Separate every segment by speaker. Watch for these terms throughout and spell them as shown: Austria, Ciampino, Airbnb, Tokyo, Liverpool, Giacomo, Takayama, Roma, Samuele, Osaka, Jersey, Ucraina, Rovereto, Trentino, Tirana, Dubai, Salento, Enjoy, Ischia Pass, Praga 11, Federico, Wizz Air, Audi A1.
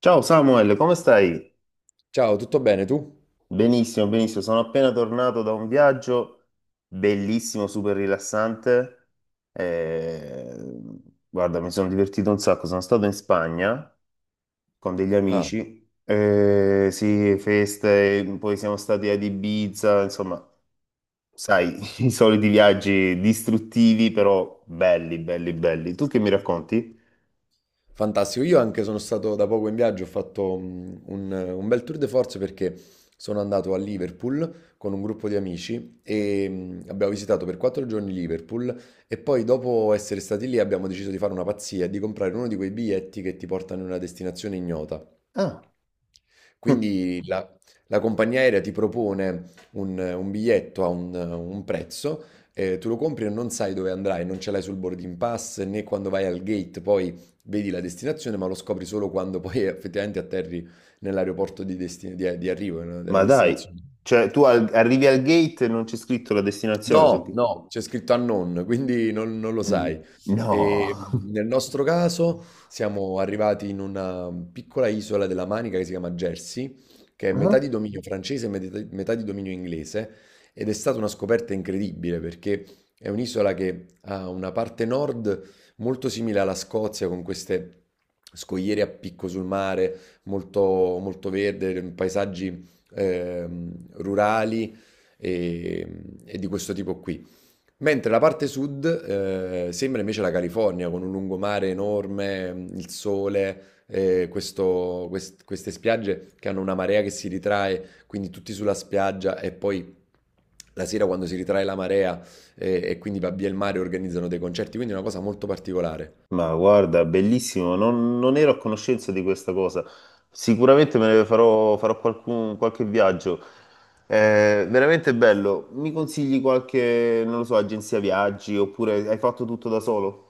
Speaker 1: Ciao Samuel, come stai?
Speaker 2: Ciao, tutto bene tu?
Speaker 1: Benissimo, benissimo. Sono appena tornato da un viaggio bellissimo, super rilassante. Eh, Guarda, mi sono divertito un sacco. Sono stato in Spagna con degli
Speaker 2: Ah,
Speaker 1: amici. Sì, feste, poi siamo stati ad Ibiza, insomma, sai, i soliti viaggi distruttivi, però belli, belli, belli. Tu che mi racconti?
Speaker 2: fantastico. Io anche sono stato da poco in viaggio, ho fatto un bel tour de force perché sono andato a Liverpool con un gruppo di amici e abbiamo visitato per 4 giorni Liverpool e poi dopo essere stati lì abbiamo deciso di fare una pazzia e di comprare uno di quei biglietti che ti portano in una destinazione ignota.
Speaker 1: Ah,
Speaker 2: Quindi la compagnia aerea ti propone un biglietto a un prezzo, tu lo compri e non sai dove andrai, non ce l'hai sul boarding pass né quando vai al gate, poi vedi la destinazione, ma lo scopri solo quando poi effettivamente atterri nell'aeroporto di arrivo, no, della
Speaker 1: ma dai,
Speaker 2: destinazione.
Speaker 1: cioè arrivi al gate e non c'è scritto la destinazione sul...
Speaker 2: No, no, c'è scritto unknown, quindi non lo sai.
Speaker 1: Mm,
Speaker 2: E,
Speaker 1: no,
Speaker 2: nel nostro caso siamo arrivati in una piccola isola della Manica che si chiama Jersey, che è metà
Speaker 1: ah.
Speaker 2: di dominio francese e metà di dominio inglese, ed è stata una scoperta incredibile perché è un'isola che ha una parte nord molto simile alla Scozia, con queste scogliere a picco sul mare, molto, molto verde, paesaggi rurali e, e di questo tipo qui. Mentre la parte sud sembra invece la California, con un lungomare enorme, il sole, queste spiagge che hanno una marea che si ritrae, quindi tutti sulla spiaggia e poi, la sera quando si ritrae la marea, e quindi va via il mare, organizzano dei concerti, quindi è una cosa molto particolare.
Speaker 1: Ma guarda, bellissimo, non ero a conoscenza di questa cosa. Sicuramente farò qualche viaggio. È veramente bello. Mi consigli qualche, non lo so, agenzia viaggi oppure hai fatto tutto da solo?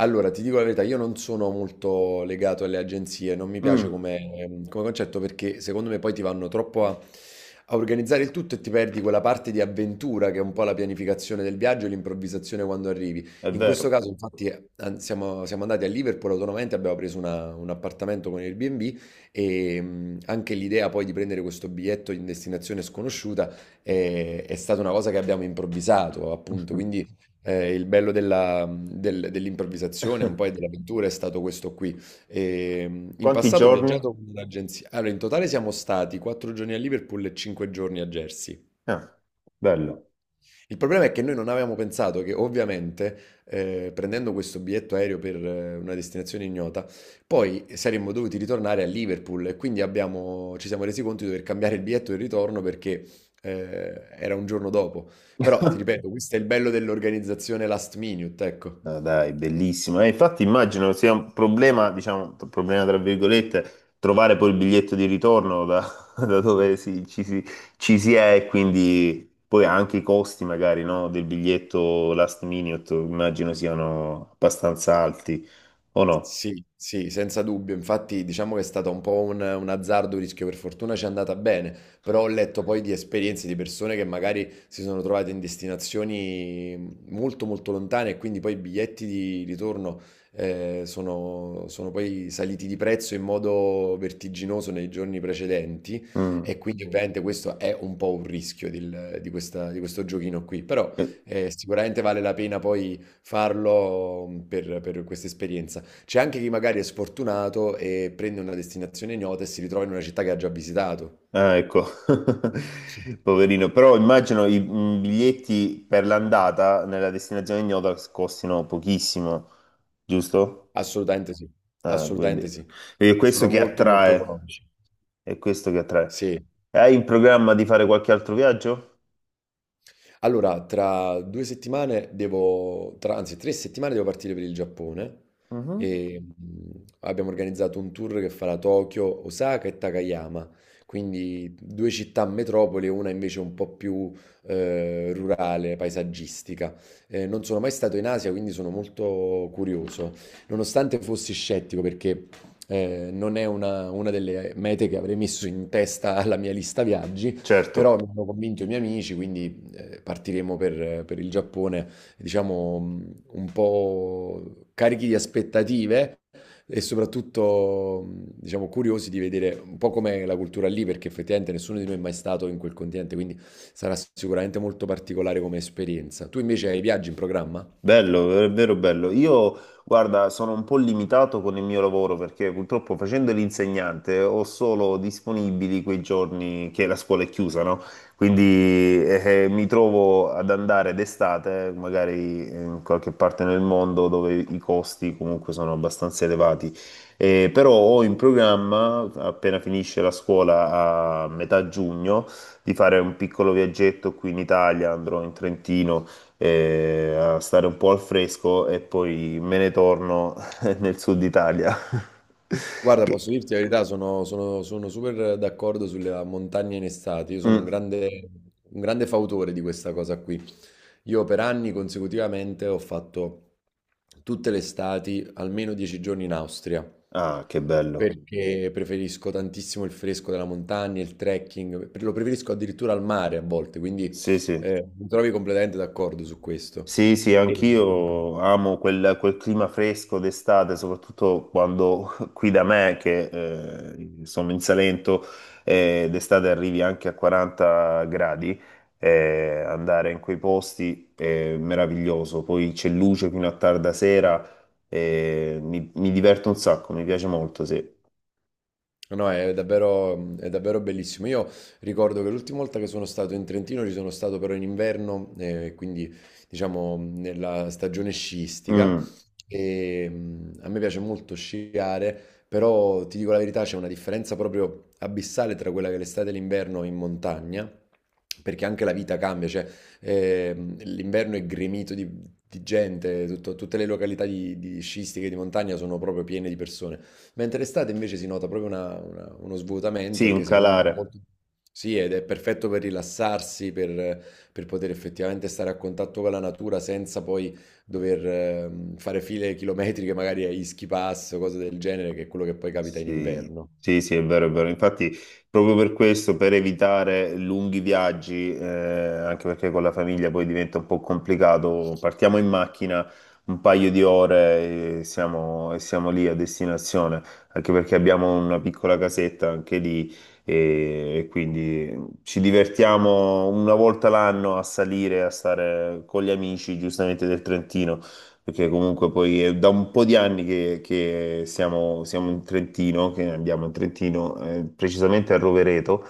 Speaker 2: Allora, ti dico la verità, io non sono molto legato alle agenzie, non mi piace
Speaker 1: Mm,
Speaker 2: come concetto perché secondo me poi ti vanno troppo a organizzare il tutto e ti perdi quella parte di avventura che è un po' la pianificazione del viaggio e l'improvvisazione quando arrivi.
Speaker 1: è
Speaker 2: In questo
Speaker 1: vero.
Speaker 2: caso, infatti, siamo andati a Liverpool autonomamente, abbiamo preso un appartamento con Airbnb e anche l'idea poi di prendere questo biglietto in destinazione sconosciuta è stata una cosa che abbiamo improvvisato, appunto, quindi. Il bello della del dell'improvvisazione, un po' e dell'avventura è stato questo qui. In
Speaker 1: Quanti
Speaker 2: passato ho
Speaker 1: giorni?
Speaker 2: viaggiato con un'agenzia, allora in totale siamo stati 4 giorni a Liverpool e 5 giorni a Jersey.
Speaker 1: Ah, bello.
Speaker 2: Il problema è che noi non avevamo pensato che ovviamente, prendendo questo biglietto aereo per una destinazione ignota, poi saremmo dovuti ritornare a Liverpool e quindi abbiamo ci siamo resi conto di dover cambiare il biglietto del ritorno perché, era un giorno dopo. Però ti ripeto, questo è il bello dell'organizzazione last minute, ecco.
Speaker 1: Ah, dai, bellissimo. Infatti immagino sia un problema, diciamo, un problema tra virgolette, trovare poi il biglietto di ritorno da, da dove si- ci, si, ci si è, e quindi poi anche i costi magari, no, del biglietto last minute immagino siano abbastanza alti, o no?
Speaker 2: Sì, sì, senza dubbio. Infatti, diciamo che è stato un po' un azzardo, un rischio. Per fortuna ci è andata bene, però ho letto poi di esperienze di persone che magari si sono trovate in destinazioni molto, molto lontane e quindi poi i biglietti di ritorno sono poi saliti di prezzo in modo vertiginoso nei giorni precedenti
Speaker 1: Mm.
Speaker 2: e quindi ovviamente questo è un po' un rischio di questo giochino qui, però
Speaker 1: Eh,
Speaker 2: sicuramente vale la pena poi farlo mhmm, per questa esperienza. C'è anche chi magari è sfortunato e prende una destinazione ignota e si ritrova in una città che ha già visitato.
Speaker 1: ah, ecco,
Speaker 2: Sì.
Speaker 1: poverino. Però immagino i biglietti per l'andata nella destinazione ignota costino pochissimo, giusto?
Speaker 2: Assolutamente sì,
Speaker 1: Quindi
Speaker 2: assolutamente sì.
Speaker 1: è questo
Speaker 2: Sono
Speaker 1: che
Speaker 2: molto molto
Speaker 1: attrae,
Speaker 2: economici.
Speaker 1: è questo che attrae.
Speaker 2: Sì.
Speaker 1: Hai in programma di fare qualche altro viaggio?
Speaker 2: Allora, tra 2 settimane devo, anzi 3 settimane devo partire per il Giappone
Speaker 1: Mhm.
Speaker 2: e abbiamo organizzato un tour che farà Tokyo, Osaka e Takayama, quindi due città metropoli, una invece un po' più rurale, paesaggistica. Non sono mai stato in Asia, quindi sono molto curioso, nonostante fossi scettico perché non è una delle mete che avrei messo in testa alla mia lista viaggi.
Speaker 1: Certo.
Speaker 2: Però mi hanno convinto i miei amici, quindi partiremo per il Giappone, diciamo, un po' carichi di aspettative e soprattutto, diciamo, curiosi di vedere un po' com'è la cultura lì, perché effettivamente nessuno di noi è mai stato in quel continente, quindi sarà sicuramente molto particolare come esperienza. Tu invece hai viaggi in programma?
Speaker 1: Bello, è vero, bello. Io, guarda, sono un po' limitato con il mio lavoro perché purtroppo facendo l'insegnante ho solo disponibili quei giorni che la scuola è chiusa, no? Quindi mi trovo ad andare d'estate, magari in qualche parte nel mondo dove i costi comunque sono abbastanza elevati. Però ho in programma, appena finisce la scuola a metà giugno, di fare un piccolo viaggetto qui in Italia. Andrò in Trentino a stare un po' al fresco e poi me ne torno nel sud Italia.
Speaker 2: Guarda,
Speaker 1: Che...
Speaker 2: posso dirti la verità, sono super d'accordo sulle montagne in estate. Io sono un
Speaker 1: Mm.
Speaker 2: grande, un grande fautore di questa cosa qui. Io per anni consecutivamente ho fatto tutte le estati almeno 10 giorni in Austria,
Speaker 1: Ah, che bello.
Speaker 2: perché preferisco tantissimo il fresco della montagna, il trekking, lo preferisco addirittura al mare a volte, quindi
Speaker 1: Sì, sì.
Speaker 2: mi trovi completamente d'accordo su questo.
Speaker 1: Sì, sì,
Speaker 2: E-
Speaker 1: anch'io amo quel clima fresco d'estate, soprattutto quando qui da me, che sono in Salento, d'estate arrivi anche a 40 gradi, andare in quei posti è meraviglioso, poi c'è luce fino a tarda sera, mi diverto un sacco, mi piace molto, sì.
Speaker 2: No, è davvero bellissimo. Io ricordo che l'ultima volta che sono stato in Trentino ci sono stato però in inverno, quindi diciamo nella stagione sciistica.
Speaker 1: Mm,
Speaker 2: E, a me piace molto sciare, però ti dico la verità, c'è una differenza proprio abissale tra quella che è l'estate e l'inverno in montagna, perché anche la vita cambia, cioè l'inverno è gremito di gente, tutte le località di sciistiche di montagna sono proprio piene di persone. Mentre estate invece si nota proprio uno svuotamento
Speaker 1: sì,
Speaker 2: e
Speaker 1: un
Speaker 2: che secondo me è
Speaker 1: calare.
Speaker 2: molto. Sì, ed è perfetto per rilassarsi, per poter effettivamente stare a contatto con la natura senza poi dover fare file chilometriche, magari a Ischia Pass o cose del genere, che è quello che poi capita in
Speaker 1: Sì,
Speaker 2: inverno.
Speaker 1: sì, sì, è vero, è vero. Infatti, proprio per questo, per evitare lunghi viaggi, anche perché con la famiglia poi diventa un po' complicato, partiamo in macchina un paio di ore e e siamo lì a destinazione, anche perché abbiamo una piccola casetta anche lì e quindi ci divertiamo una volta l'anno a salire, a stare con gli amici, giustamente del Trentino, perché comunque poi è da un po' di anni che siamo in Trentino, che andiamo in Trentino, precisamente a Rovereto,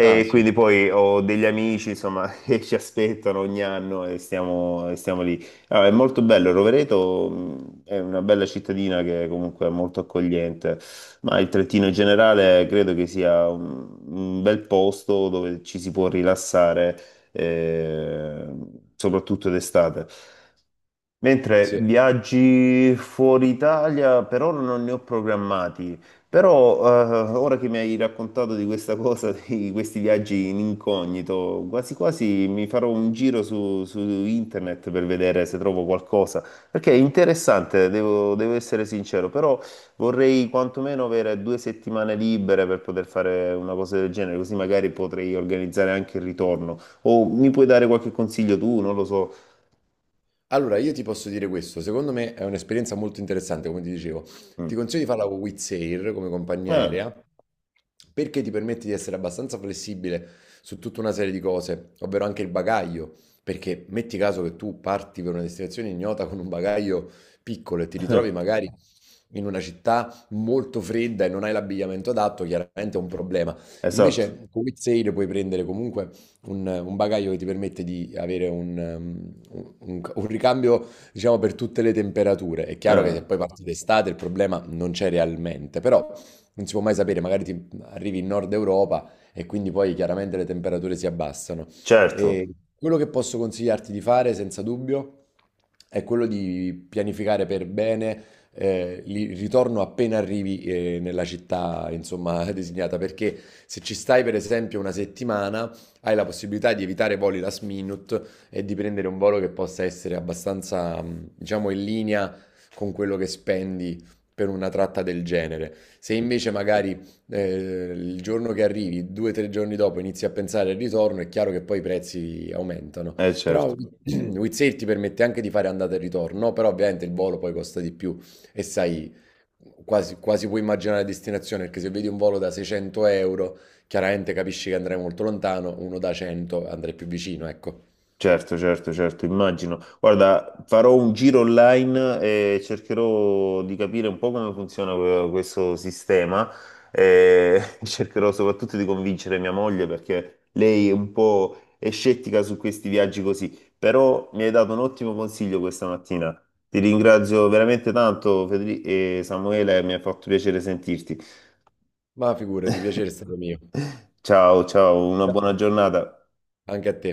Speaker 2: Ah, sì.
Speaker 1: quindi poi ho degli amici, insomma, che ci aspettano ogni anno e e stiamo lì. Ah, è molto bello. Rovereto è una bella cittadina che comunque è molto accogliente, ma il Trentino in generale credo che sia un bel posto dove ci si può rilassare, eh, soprattutto d'estate. Mentre
Speaker 2: Sì.
Speaker 1: viaggi fuori Italia per ora non ne ho programmati, però ora che mi hai raccontato di questa cosa, di questi viaggi in incognito, quasi quasi mi farò un giro su internet per vedere se trovo qualcosa, perché è interessante, devo, devo essere sincero, però vorrei quantomeno avere 2 settimane libere per poter fare una cosa del genere, così magari potrei organizzare anche il ritorno. O mi puoi dare qualche consiglio tu, non lo so.
Speaker 2: Allora, io ti posso dire questo, secondo me è un'esperienza molto interessante, come ti dicevo. Ti
Speaker 1: Mm.
Speaker 2: consiglio di farla con Wizz Air come compagnia
Speaker 1: Ah.
Speaker 2: aerea, perché ti permette di essere abbastanza flessibile su tutta una serie di cose, ovvero anche il bagaglio, perché metti caso che tu parti per una destinazione ignota con un bagaglio piccolo e ti ritrovi magari in una città molto fredda e non hai l'abbigliamento adatto, chiaramente è un problema.
Speaker 1: Esatto.
Speaker 2: Invece con Wizz Air puoi prendere comunque un bagaglio che ti permette di avere un ricambio, diciamo, per tutte le temperature. È chiaro che se
Speaker 1: Eh,
Speaker 2: poi parti d'estate il problema non c'è realmente, però non si può mai sapere, magari ti arrivi in Nord Europa e quindi poi chiaramente le temperature si abbassano. E
Speaker 1: certo,
Speaker 2: quello che posso consigliarti di fare, senza dubbio, è quello di pianificare per bene il ritorno appena arrivi nella città, insomma, designata, perché se ci stai per esempio una settimana, hai la possibilità di evitare voli last minute e di prendere un volo che possa essere abbastanza, diciamo, in linea con quello che spendi per una tratta del genere. Se invece magari il giorno che arrivi, 2 o 3 giorni dopo, inizi a pensare al ritorno, è chiaro che poi i prezzi aumentano. Però
Speaker 1: certo,
Speaker 2: Wizzair ti permette anche di fare andata e ritorno, no? Però ovviamente il volo poi costa di più e sai, quasi, quasi puoi immaginare la destinazione, perché se vedi un volo da 600 euro. Chiaramente capisci che andrai molto lontano, uno da 100 andrai più vicino, ecco.
Speaker 1: certo, certo, certo, immagino. Guarda, farò un giro online e cercherò di capire un po' come funziona questo sistema e cercherò soprattutto di convincere mia moglie perché lei è un po' è scettica su questi viaggi così, però mi hai dato un ottimo consiglio questa mattina. Ti ringrazio veramente tanto, Federico e Samuele, mi ha fatto piacere sentirti.
Speaker 2: Ma figurati, piacere è stato mio.
Speaker 1: Ciao, ciao, una
Speaker 2: Ciao.
Speaker 1: buona giornata.
Speaker 2: Anche a te.